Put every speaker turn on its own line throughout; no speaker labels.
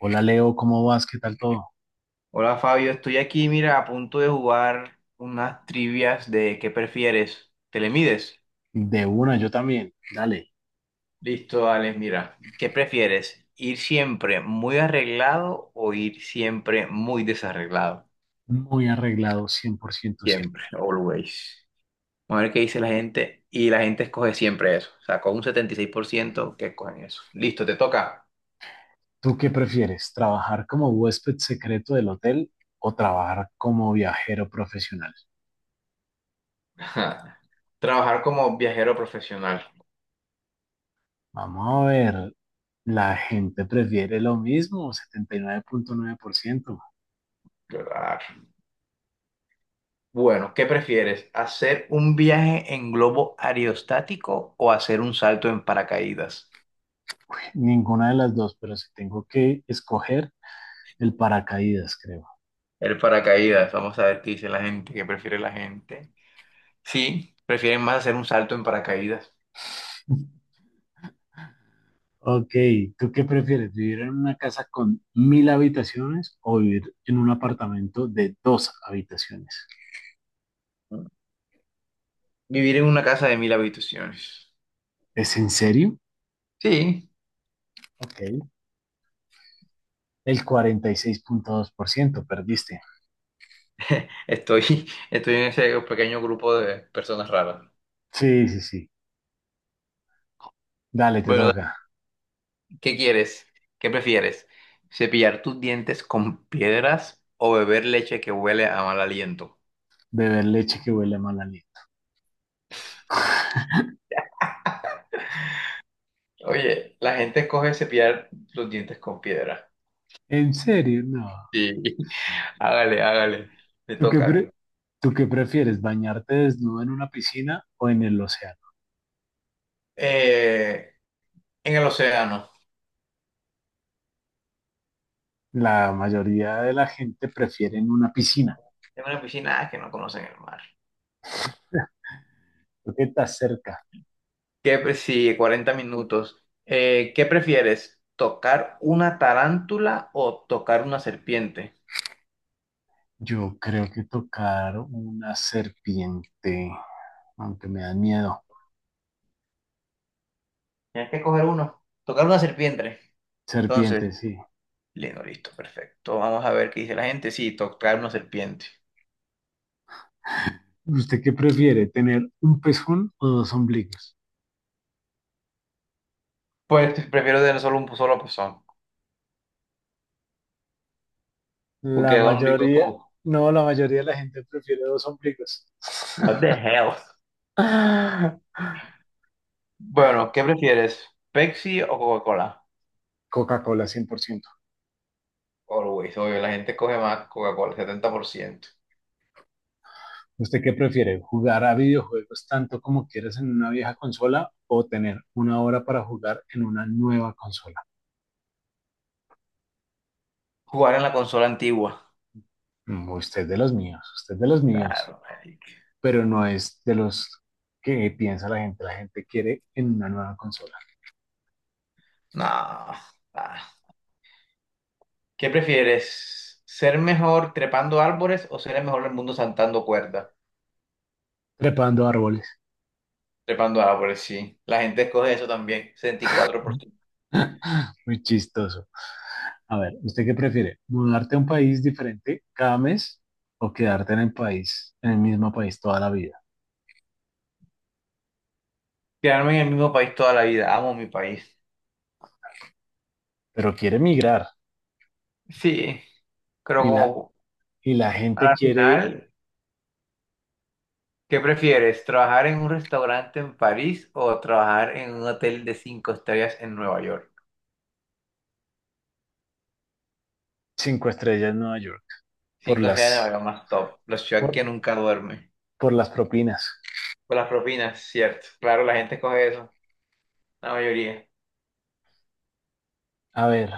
Hola Leo, ¿cómo vas? ¿Qué tal todo?
Hola Fabio, estoy aquí, mira, a punto de jugar unas trivias de ¿qué prefieres? ¿Te le mides?
De una, yo también. Dale,
Listo, Alex, mira, ¿qué prefieres? ¿Ir siempre muy arreglado o ir siempre muy desarreglado?
muy arreglado 100% siempre.
Siempre, always. A ver qué dice la gente y la gente escoge siempre eso. O sea, con un 76% que escogen eso. Listo, te toca.
¿Tú qué prefieres? ¿Trabajar como huésped secreto del hotel o trabajar como viajero profesional?
Trabajar como viajero profesional.
Vamos a ver, la gente prefiere lo mismo, setenta y nueve punto nueve por ciento.
Bueno, ¿qué prefieres? ¿Hacer un viaje en globo aerostático o hacer un salto en paracaídas?
Ninguna de las dos, pero si tengo que escoger el paracaídas, creo.
El paracaídas, vamos a ver qué dice la gente, qué prefiere la gente. Sí, prefieren más hacer un salto en paracaídas.
Ok, ¿tú qué prefieres? ¿Vivir en una casa con mil habitaciones o vivir en un apartamento de dos habitaciones?
Vivir en una casa de 1000 habitaciones.
¿Es en serio?
Sí,
Ok, el 46,2% perdiste.
estoy, estoy en ese pequeño grupo de personas raras.
Sí, sí, sí. Dale, te
Bueno,
toca.
¿qué quieres? ¿Qué prefieres? ¿Cepillar tus dientes con piedras o beber leche que huele a mal aliento?
Beber leche que huele a mal aliento.
Oye, la gente coge cepillar los dientes con piedra.
¿En serio? No.
Sí. Hágale, hágale. Me
¿Tú qué
toca a mí.
pre- ¿Tú qué prefieres? ¿Bañarte desnudo en una piscina o en el océano?
Eh, en el océano.
La mayoría de la gente prefiere en una piscina.
En una piscina ah, que no conocen el mar.
Creo que estás cerca.
Sí, 40 minutos. ¿Qué prefieres? ¿Tocar una tarántula o tocar una serpiente?
Yo creo que tocar una serpiente, aunque me dan miedo.
Tienes que coger uno. Tocar una serpiente.
Serpiente,
Entonces,
sí.
lindo, listo, perfecto. Vamos a ver qué dice la gente. Sí, tocar una serpiente.
¿Usted qué prefiere, tener un pezón o dos ombligos?
Pues prefiero tener solo un solo pezón. Porque
La
yo digo
mayoría,
como,
no, la mayoría de la gente prefiere dos ombligos.
what the hell? Bueno, ¿qué prefieres? ¿Pepsi o Coca-Cola?
Coca-Cola 100%.
Always, obvio, la gente coge más Coca-Cola, 70%.
¿Usted qué prefiere, jugar a videojuegos tanto como quieras en una vieja consola o tener una hora para jugar en una nueva consola?
Jugar en la consola antigua.
Usted de los míos, usted de los míos.
Claro, marica.
Pero no es de los que piensa la gente. La gente quiere en una nueva consola,
No. Ah. ¿Qué prefieres? ¿Ser mejor trepando árboles o ser el mejor del mundo saltando cuerdas?
trepando árboles.
Trepando árboles, sí. La gente escoge eso también, 64%.
Muy chistoso. A ver, ¿usted qué prefiere? ¿Mudarte a un país diferente cada mes o quedarte en el país, en el mismo país toda la vida?
Quedarme en el mismo país toda la vida. Amo mi país.
Pero quiere migrar
Sí, creo
y la,
como
y la
a
gente
la
quiere
final. ¿Qué prefieres, trabajar en un restaurante en París o trabajar en un hotel de cinco estrellas en Nueva York?
cinco estrellas en Nueva York por
Cinco estrellas en
las,
Nueva York, más top. La ciudad
por,
que nunca duerme.
por las propinas.
Por las propinas, cierto. Claro, la gente coge eso. La mayoría.
A ver,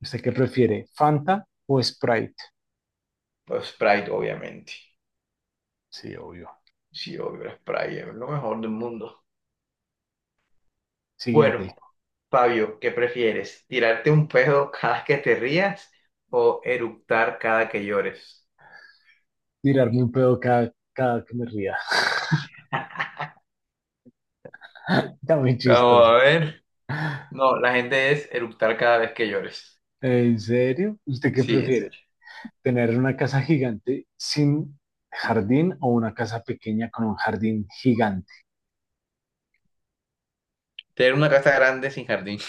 ¿usted qué prefiere? ¿Fanta o Sprite?
Pues Sprite, obviamente.
Sí, obvio.
Sí, obvio, la Sprite es lo mejor del mundo. Bueno,
Siguiente,
Fabio, ¿qué prefieres? ¿Tirarte un pedo cada que te rías o eructar cada que llores?
tirarme un pedo cada que me ría. Está muy
Vamos a
chistosa.
ver. No, la gente es eructar cada vez que llores.
¿En serio? ¿Usted qué
Sí, en
prefiere?
serio.
¿Tener una casa gigante sin jardín o una casa pequeña con un jardín gigante?
Tener una casa grande sin jardín.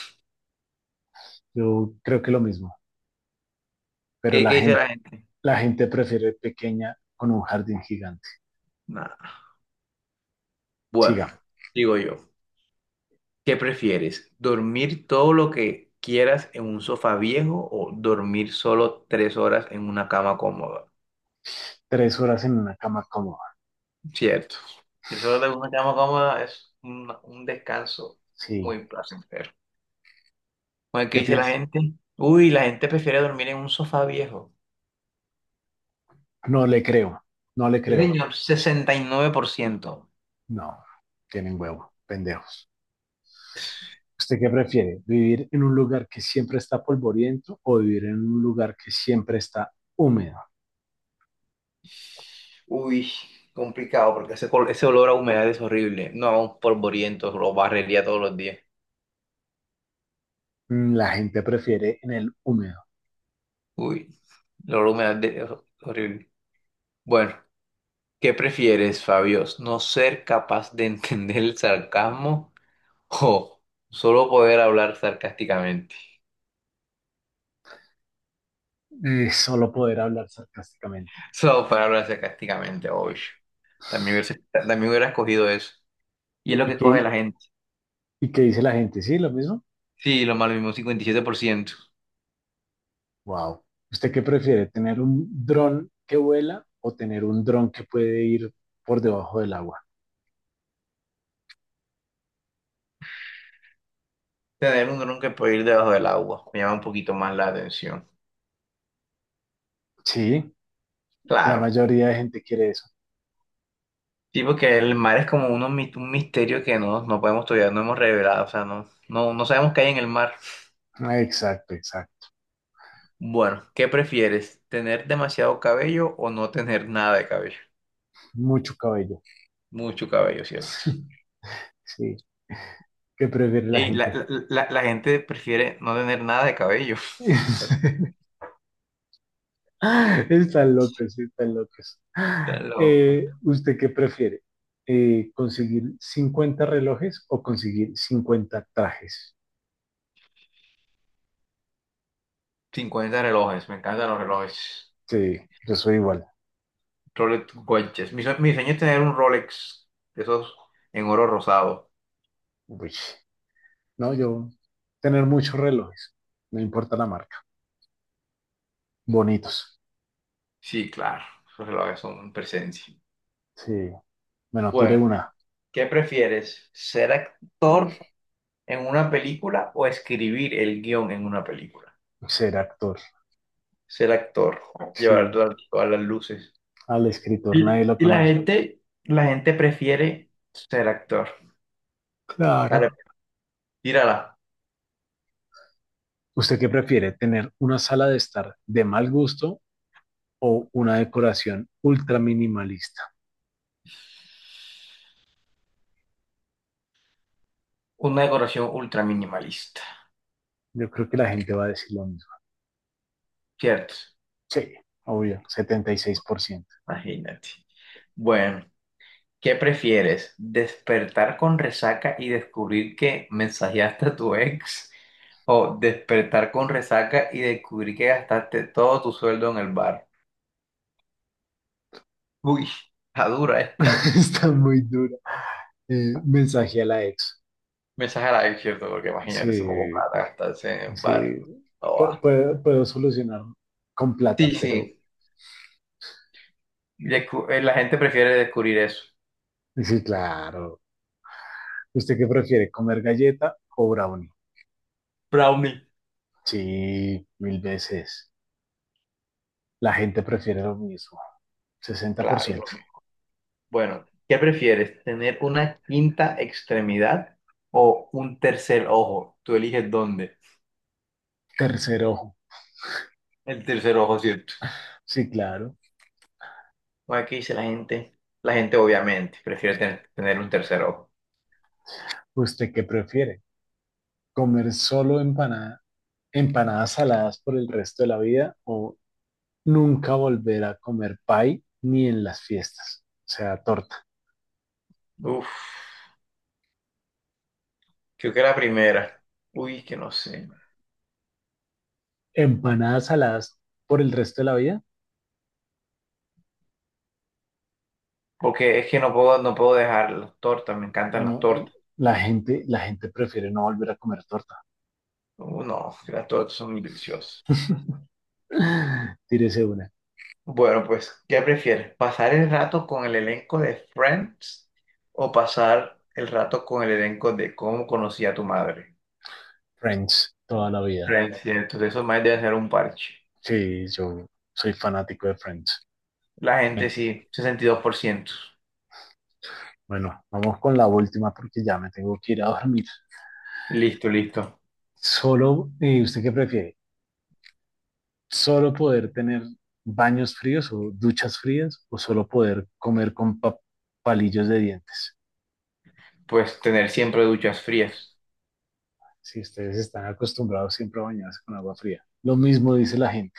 Yo creo que lo mismo, pero
¿Qué,
la
qué dice
gente,
la gente?
la gente prefiere pequeña con un jardín gigante.
Nada. Bueno,
Siga,
digo yo, ¿qué prefieres? ¿Dormir todo lo que quieras en un sofá viejo o dormir solo 3 horas en una cama cómoda?
3 horas en una cama cómoda.
Cierto. Tres horas en una cama cómoda es un descanso
Sí,
muy placentero. Bueno, ¿qué
¿qué
dice la
piensa?
gente? Uy, la gente prefiere dormir en un sofá viejo.
No le creo, no le
Sí,
creo.
señor, 69%.
No, tienen huevo, pendejos. ¿Usted qué prefiere? ¿Vivir en un lugar que siempre está polvoriento o vivir en un lugar que siempre está húmedo?
Uy, complicado porque ese olor a humedad es horrible. No, un polvoriento, lo barrería todos los días.
La gente prefiere en el húmedo,
Uy, el olor a humedad es horrible. Bueno, ¿qué prefieres, Fabios? ¿No ser capaz de entender el sarcasmo o solo poder hablar sarcásticamente?
solo poder hablar sarcásticamente.
Solo poder hablar sarcásticamente, obvio. También hubiera, también hubiera escogido eso. Y es lo que
¿Y
escoge
qué,
la gente.
y qué dice la gente? ¿Sí, lo mismo?
Sí, lo malo mismo, un 57%.
Wow. ¿Usted qué prefiere, tener un dron que vuela o tener un dron que puede ir por debajo del agua?
Tener un dron que puede ir debajo del agua me llama un poquito más la atención.
Sí, la
Claro.
mayoría de gente quiere eso.
Sí, porque el mar es como un misterio que no, no podemos todavía, no hemos revelado, o sea, no, no, no sabemos qué hay en el mar.
Ah, exacto, exacto.
Bueno, ¿qué prefieres? ¿Tener demasiado cabello o no tener nada de cabello?
Mucho cabello.
Mucho cabello, ¿cierto?
Sí, ¿qué prefiere la
Ey, la,
gente?
la, la- la gente prefiere no tener nada de cabello. Bueno,
Están locos, están locos.
está loco.
¿Usted qué prefiere? ¿Conseguir 50 relojes o conseguir 50 trajes?
50 relojes, me encantan los relojes.
Sí, yo soy igual.
Rolex Watches. Mi sueño es tener un Rolex, de esos en oro rosado.
Uy, no, yo tener muchos relojes, no importa la marca. Bonitos.
Sí, claro, esos relojes son presencia.
Sí, bueno, tire
Bueno.
una.
¿Qué prefieres? ¿Ser actor en una película o escribir el guión en una película?
Ser actor.
Ser actor, llevar
Sí,
todas, todas las luces.
al escritor
Y,
nadie lo
y la
conoce.
gente, la gente prefiere ser actor. Vale,
Claro.
tírala.
¿Usted qué prefiere? ¿Tener una sala de estar de mal gusto o una decoración ultra minimalista?
Una decoración ultra minimalista,
Yo creo que la gente va a decir lo mismo.
¿cierto?
Sí, obvio, 76%.
Imagínate. Bueno, ¿qué prefieres? ¿Despertar con resaca y descubrir que mensajeaste a tu ex? ¿O despertar con resaca y descubrir que gastaste todo tu sueldo en el bar? Uy, está dura esta.
Está muy dura. Mensaje a la ex.
Mensaje a la ex, ¿cierto? Porque imagínate, se poco
Sí,
plata gastarse en el
sí.
bar. No
Pu-
va.
puedo, puedo solucionar con plata,
Sí,
pero
sí. La gente prefiere descubrir eso.
sí, claro. ¿Usted qué prefiere, comer galleta o brownie?
Brownie.
Sí, mil veces. La gente prefiere lo mismo. Sesenta por
Claro.
ciento.
No. Bueno, ¿qué prefieres? ¿Tener una quinta extremidad o un tercer ojo? Tú eliges dónde.
Tercer ojo.
El tercer ojo, cierto.
Sí, claro.
Aquí dice la gente, obviamente prefiere tener un tercer ojo.
¿Usted qué prefiere? Comer solo empanadas saladas por el resto de la vida o nunca volver a comer pie ni en las fiestas, o sea, torta.
Uf, creo que la primera. Uy, que no sé.
Empanadas saladas por el resto de la vida,
Porque es que no puedo, no puedo dejar las tortas, me encantan las
no,
tortas.
la gente prefiere no volver a comer torta.
No, que las tortas son muy deliciosas.
Tírese una.
Bueno, pues, ¿qué prefieres? ¿Pasar el rato con el elenco de Friends o pasar el rato con el elenco de Cómo conocí a tu madre?
Friends, toda la vida.
Friends, cierto, de eso más debe ser un parche.
Sí, yo soy fanático de Friends.
La gente
Bueno,
sí, 62%.
bueno, vamos con la última porque ya me tengo que ir a dormir.
Listo, listo.
Solo, ¿usted qué prefiere? Solo poder tener baños fríos o duchas frías o solo poder comer con palillos de dientes.
Pues tener siempre duchas frías.
Si ustedes están acostumbrados siempre a bañarse con agua fría. Lo mismo dice la gente.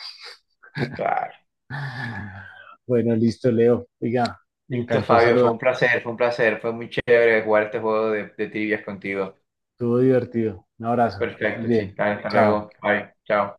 Claro.
Bueno, listo, Leo. Oiga, me
Listo,
encantó
Fabio, fue
saludar.
un placer, fue un placer, fue muy chévere jugar este juego de trivias contigo.
Estuvo divertido. Un abrazo. Que estés
Perfecto, sí.
bien.
Dale, hasta
Chao.
luego. Bye. Chao.